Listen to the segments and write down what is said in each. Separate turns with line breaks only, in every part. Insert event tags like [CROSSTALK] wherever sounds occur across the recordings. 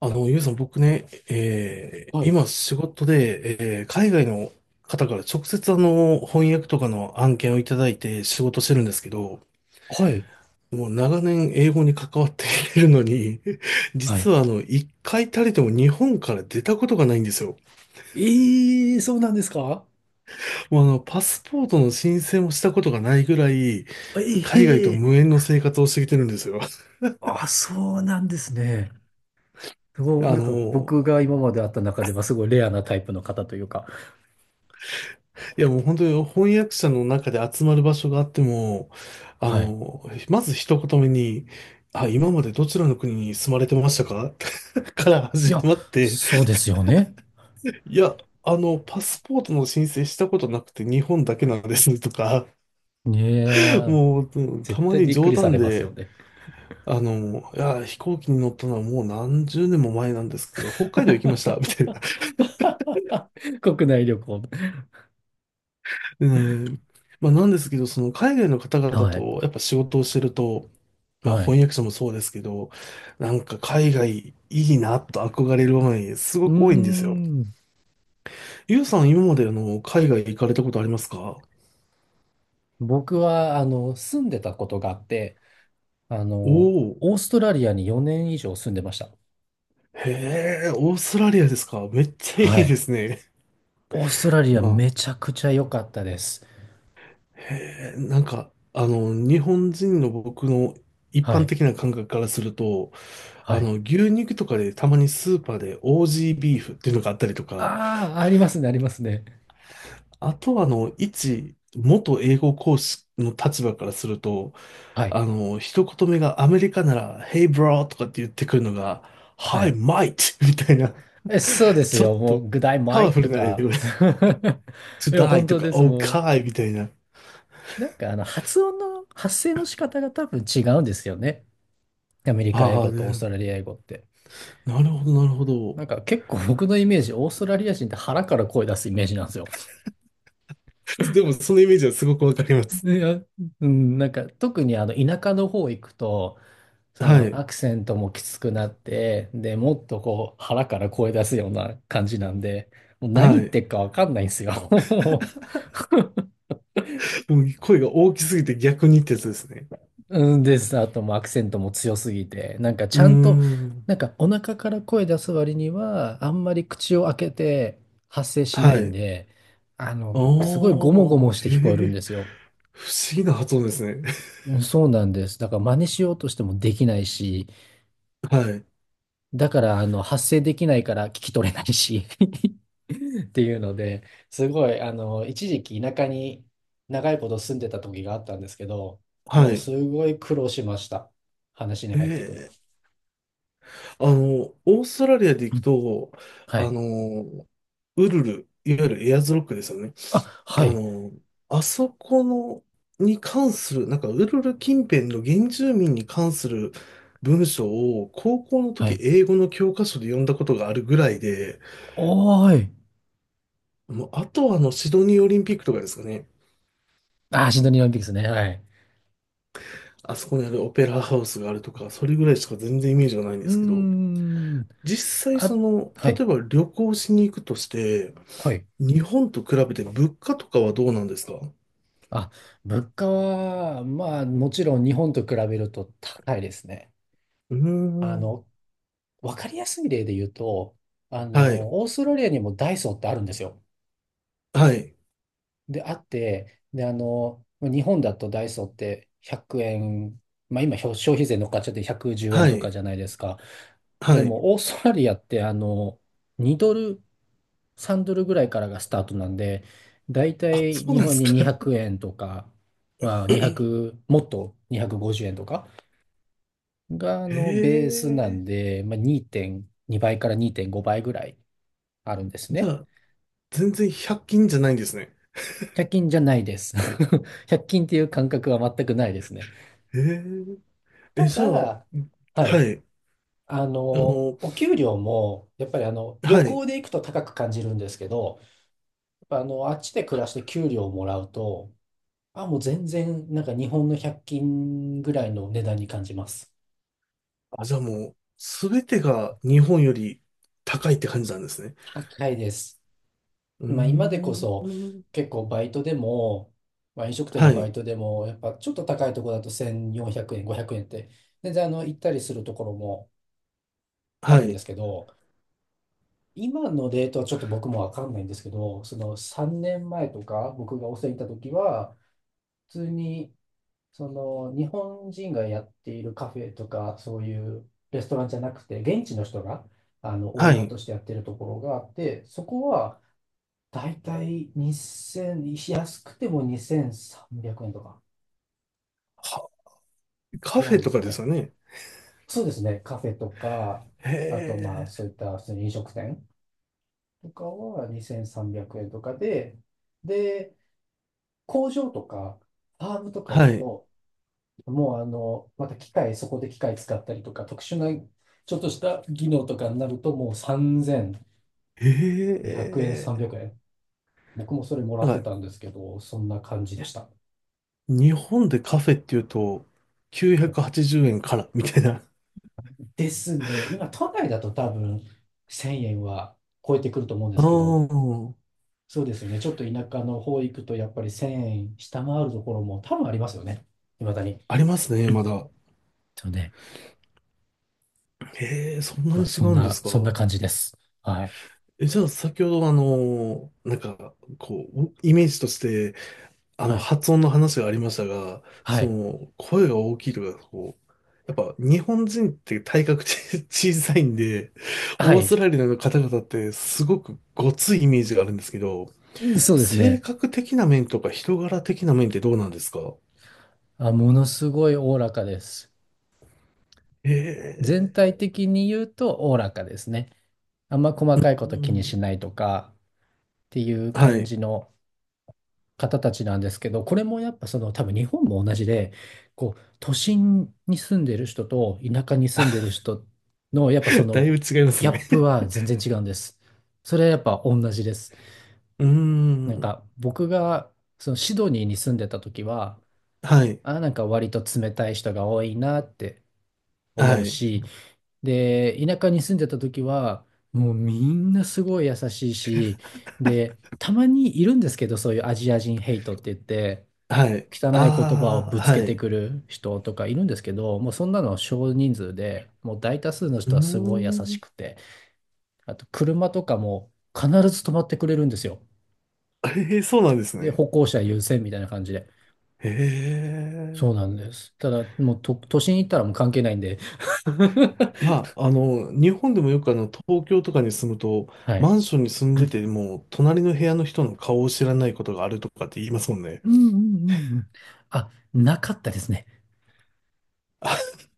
ゆうさん、僕ね、
はい。
今仕事で、海外の方から直接翻訳とかの案件をいただいて仕事してるんですけど、
はい。
もう長年英語に関わっているのに、[LAUGHS]
はい。
実は一回たりとも日本から出たことがないんですよ。
ええ、そうなんですか？
もうパスポートの申請もしたことがないぐらい、
え
海外と
え。
無縁の生活をしてきてるんですよ。
あ、そうなんですね。すごい
あ
なんか僕
の、
が今まで会った中ではすごいレアなタイプの方というか。
いやもう本当に翻訳者の中で集まる場所があっても、あ
はい。
の、まず一言目に、あ、今までどちらの国に住まれてましたか？ [LAUGHS] から
い
始
や、
まって、
そうですよね。
いや、パスポートの申請したことなくて日本だけなんですとか、
ねえ、
もう、うんた
絶
ま
対
に
びっく
冗
りさ
談
れますよ
で、
ね。
いや、飛行機に乗ったのはもう何十年も前なんですけど、北海道行きました、み
[LAUGHS]
たいな。
国内旅行。
でね、まあなんですけど、その海外の方々
はい。
とやっぱ仕事をしてると、まあ
はい。
翻訳者もそうですけど、なんか海外いいなと憧れる場面す
う
ご
ー
く多いんですよ。
ん。
ゆうさん今まであの海外行かれたことありますか？
僕は、住んでたことがあって、あ
お、
の、
お
オーストラリアに4年以上住んでました。
ー、へえ、オーストラリアですか。めっちゃい
は
い
い。
ですね。
オーストラリア
まあ、
めちゃくちゃ良かったです。
へえ、なんかあの日本人の僕の一
は
般
い。
的な感覚からすると、あ
はい。
の牛肉とかでたまにスーパーでオージービーフっていうのがあったりとか、
ああ、ありますね、ありますね。
あとは、あの、一、元英語講師の立場からすると、
はい。
あの、一言目がアメリカなら、Hey bro! とかって言ってくるのが、
は
Hi
い。
mate! みたいな、
え、そうです
ちょっ
よ。も
と
う、グダイ
パ
マ
ワ
イ
フ
と
ルな英
か。
語で、
[LAUGHS]
To
いや、本
die! と
当
か、
です。も
Okay! みたいな。
う、なんか、発声の仕方が多分違うんですよね。アメリカ英
ああ、
語とオース
で、
トラリア英語って。
なるほど、なるほど。
なんか、結構僕のイメージ、オーストラリア人って腹から声出すイメージなんですよ。
でも、そのイメージはすごくわかりま
い
す。
や、うん、なんか、特に田舎の方行くと、そ
は
の
い、
アクセントもきつくなって、で、もっとこう腹から声出すような感じなんで、もう何
は
言っ
い。
てっかわかんないんですよ。[LAUGHS]
もう声が大きすぎて逆にってやつですね。
うん、です。あともうアクセントも強すぎて、なんか
う
ち
ー
ゃんと、
ん、
なんかお腹から声出す割には、あんまり口を開けて発声し
は
ないん
い。
で、すごいゴモゴ
おー、
モして聞こえる
へ
ん
え、
ですよ。
不思議な発音ですね。
うん、そうなんです。だから真似しようとしてもできないし、
はい。
だから発声できないから聞き取れないし。っていうので、すごい、一時期田舎に長いこと住んでた時があったんですけど、
は
もう
い。
すごい苦労しました。話に
へ
入っていくの。
え。あの、オーストラリアで
う
行く
ん、
と、
は
あ
い。
の、ウルル、いわゆるエアーズロックですよね。
あ、は
あ
い。
の、あそこの、に関する、なんか、ウルル近辺の原住民に関する文章を、高校の
は
時、
い。
英語の教科書で読んだことがあるぐらいで、
おーい。
もう、あとはあの、シドニーオリンピックとかですかね。
あ、シドニーオリンピックですね。はい。
あそこにあるオペラハウスがあるとか、それぐらいしか全然イメージがないんで
うー
すけど、
ん。
実際そ
あ、
の、
は
例
い。
えば旅行しに行くとして、
はい。
日本と比べて物価とかはどうなんですか？う
あ、物価は、まあ、もちろん日本と比べると高いですね。
ー
あ
ん。
の、わかりやすい例で言うと、
はい。
オーストラリアにもダイソーってあるんですよ。
はい。
で、あって、で、日本だとダイソーって100円、まあ今消費税乗っかっちゃって110円
は
とか
い。
じゃないですか。で
はい。
も、オーストラリアって、2ドル、3ドルぐらいからがスタートなんで、だいた
あ、
い
そう
日
なんで
本
す
に
か。
200円とか、まあ
[LAUGHS]
2
へ
0もっと250円とかが、ベースなん
え。
で、まあ2.2倍から2.5倍ぐらいあるんです
じゃ
ね。
あ、全然100均じゃないんですね。
100均じゃないです。[LAUGHS] 100均っていう感覚は全くないですね。
へえ。え、
た
じゃあ、
だ、は
は
い、
い。あの、
お給料も、やっぱり旅
はい。
行で行くと高く感じるんですけど、やっぱあっちで暮らして給料をもらうと、あ、もう全然、なんか日本の100均ぐらいの値段に感じます。
あ、じゃあもう、すべてが日本より高いって感じなんですね。
高いです。
うー
まあ、今でこそ、
ん。
結構バイトでも、まあ、飲食店
は
のバイ
い。
トでも、やっぱちょっと高いところだと1400円、500円って、全然行ったりするところもあ
は
るんで
い。
すけど、今のレートはちょっと僕もわかんないんですけど、その3年前とか僕がお世話に行った時は、普通にその日本人がやっているカフェとか、そういうレストランじゃなくて、現地の人があのオー
は
ナー
い。
としてやってるところがあって、そこはだいたい2000、安くても2300円とか
は、カ
ぐら
フ
い
ェ
で
と
す
か
か
です
ね。
よね。
そうですね、カフェとか、
へ
あとまあ
え。
そういった普通に飲食店とかは2300円とかで、で、工場とか、ファームとか行
は
く
い。
と、もうまた機械、そこで機械使ったりとか、特殊なちょっとした技能とかになると、もう3200
へ
円、
え。
300円。僕もそれもら
なん
って
か、
たんですけど、そんな感じでした。
日本でカフェっていうと、
はい、
980円からみたいな。
ですね。今、都内だと多分1000円は超えてくると思うんで
あ
すけど、
あ、
そうですね。ちょっと田舎の方行くと、やっぱり1000円下回るところも多分ありますよね。未だに。
ありますね、まだ。
そうね。
へえ、そんな
ま
に
あ、
違
そん
うんで
な、
すか。
そんな感じです。はい。
え、じゃあ、先ほど、あの、なんか、こう、イメージとして、あの、
はい。
発音の話がありましたが、
は
そ
い。
の、声が大きいとか、こう、やっぱ、日本人って体格ち、 [LAUGHS] 小さいんで、
は
オース
い。
トラリアの方々って、すごくごついイメージがあるんですけど、
え、そうです
性
ね。
格的な面とか人柄的な面ってどうなんですか？
あ、ものすごいおおらかです。全
え
体
え、
的に言うとおおらかですね。あんま細
う
かいこと気に
ん。
しないとかっていう
は
感
い。
じの方たちなんですけど、これもやっぱその多分日本も同じで、こう都心に住んでる人と田舎に住んでる
[LAUGHS]
人のやっぱそ
だ
の
いぶ違います
ギャ
ね。
ップ
[LAUGHS]
は全然違うんです。それはやっぱ同じです。
うー
なん
ん。
か僕がそのシドニーに住んでた時は、
はい。
あ、なんか割と冷たい人が多いなって思
は
う
い。
し、で、田舎に住んでた時は、もうみんなすごい優しいし、で、たまにいるんですけど、そういうアジア人ヘイトって言って、
はい。
汚い言葉を
あ
ぶ
あ、
つけ
は
て
い。
くる人とかいるんですけど、もうそんなの少人数で、もう大多数の
うー
人はすごい優し
ん。
くて、あと車とかも必ず止まってくれるんですよ。
ええ、そうなんです
で、
ね。
歩行者優先みたいな感じで。
へ
そ
え。
うなんです。ただ、もうと、都心行ったらもう関係ないんで。[LAUGHS]
まあ、あの、日本でもよくあの、東京とかに住むと、
はい。
マンションに住んでても、隣の部屋の人の顔を知らないことがあるとかって言いますもんね。
うん、うん、うん、うん。あ、なかったですね。
[LAUGHS]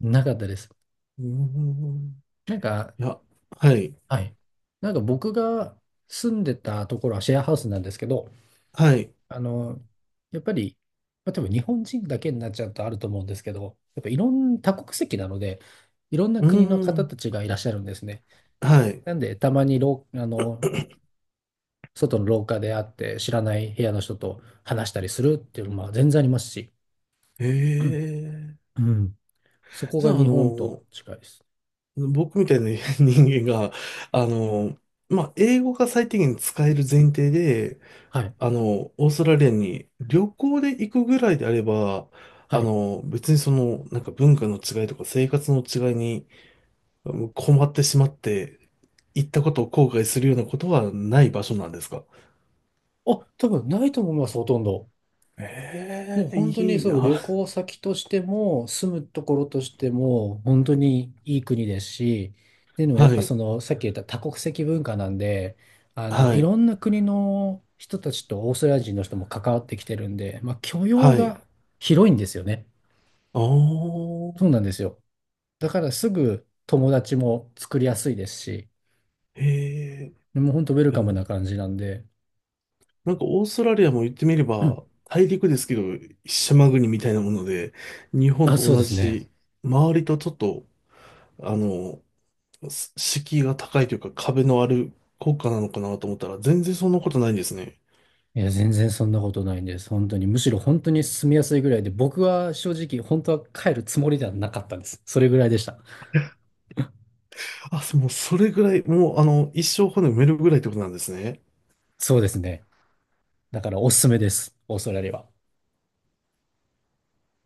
なかったです。
うーん。
なんか、
[LAUGHS] いや、はい。
はい。なんか僕が住んでたところはシェアハウスなんですけど、
はい。
あの、やっぱり、まあ、多分日本人だけになっちゃうとあると思うんですけど、やっぱいろんな多国籍なので、いろんな
う
国の
ー
方
ん。
たちがいらっしゃるんですね。
はい。
なんで、たまにろう、あの、外の廊下で会って知らない部屋の人と話したりするっていうのも全然ありますし、
え
うん、
え。
うん、そこ
じ
が
ゃあ、あ
日本
の、
と近いです。
僕みたいな [LAUGHS] 人間が、あの、まあ、英語が最低限使える前提で、
はい。
あの、オーストラリアに旅行で行くぐらいであれば、
は
あ
い。
の、別にその、なんか文化の違いとか生活の違いにうん困ってしまって、行ったことを後悔するようなことはない場所なんですか？
あ、多分ないと思います、ほとんど。もう
ええ、
本当に
いい
そう、
な。
旅行先としても、住むところとしても、本当にいい国ですし、っていうのはやっ
は
ぱ
い。
その、さっき言った多国籍文化なんで、
は
い
い。
ろんな国の人たちとオーストラリア人の人も関わってきてるんで、まあ許容
はい。
が広いんですよね。
ああ、
そうなんですよ。だからすぐ友達も作りやすいですし、
へえ。い
もう本当ウェル
や、
カム
な、
な感じなんで、
なんかオーストラリアも言ってみれ
[CLEARS THROAT] うん。
ば、大陸ですけど、島国みたいなもので、日本
あ、
と
そう
同
ですね。
じ、周りとちょっと、あの、す、敷居が高いというか壁のある国家なのかなと思ったら、全然そんなことないんですね。
いや、全然そんなことないんです。本当に。むしろ本当に住みやすいぐらいで、僕は正直、本当は帰るつもりではなかったんです。それぐらいでした。
あ、そ、もうそれぐらい、もうあの、一生骨埋めるぐらいってことなんですね。
そうですね。だからおすすめです。オーストラリアは。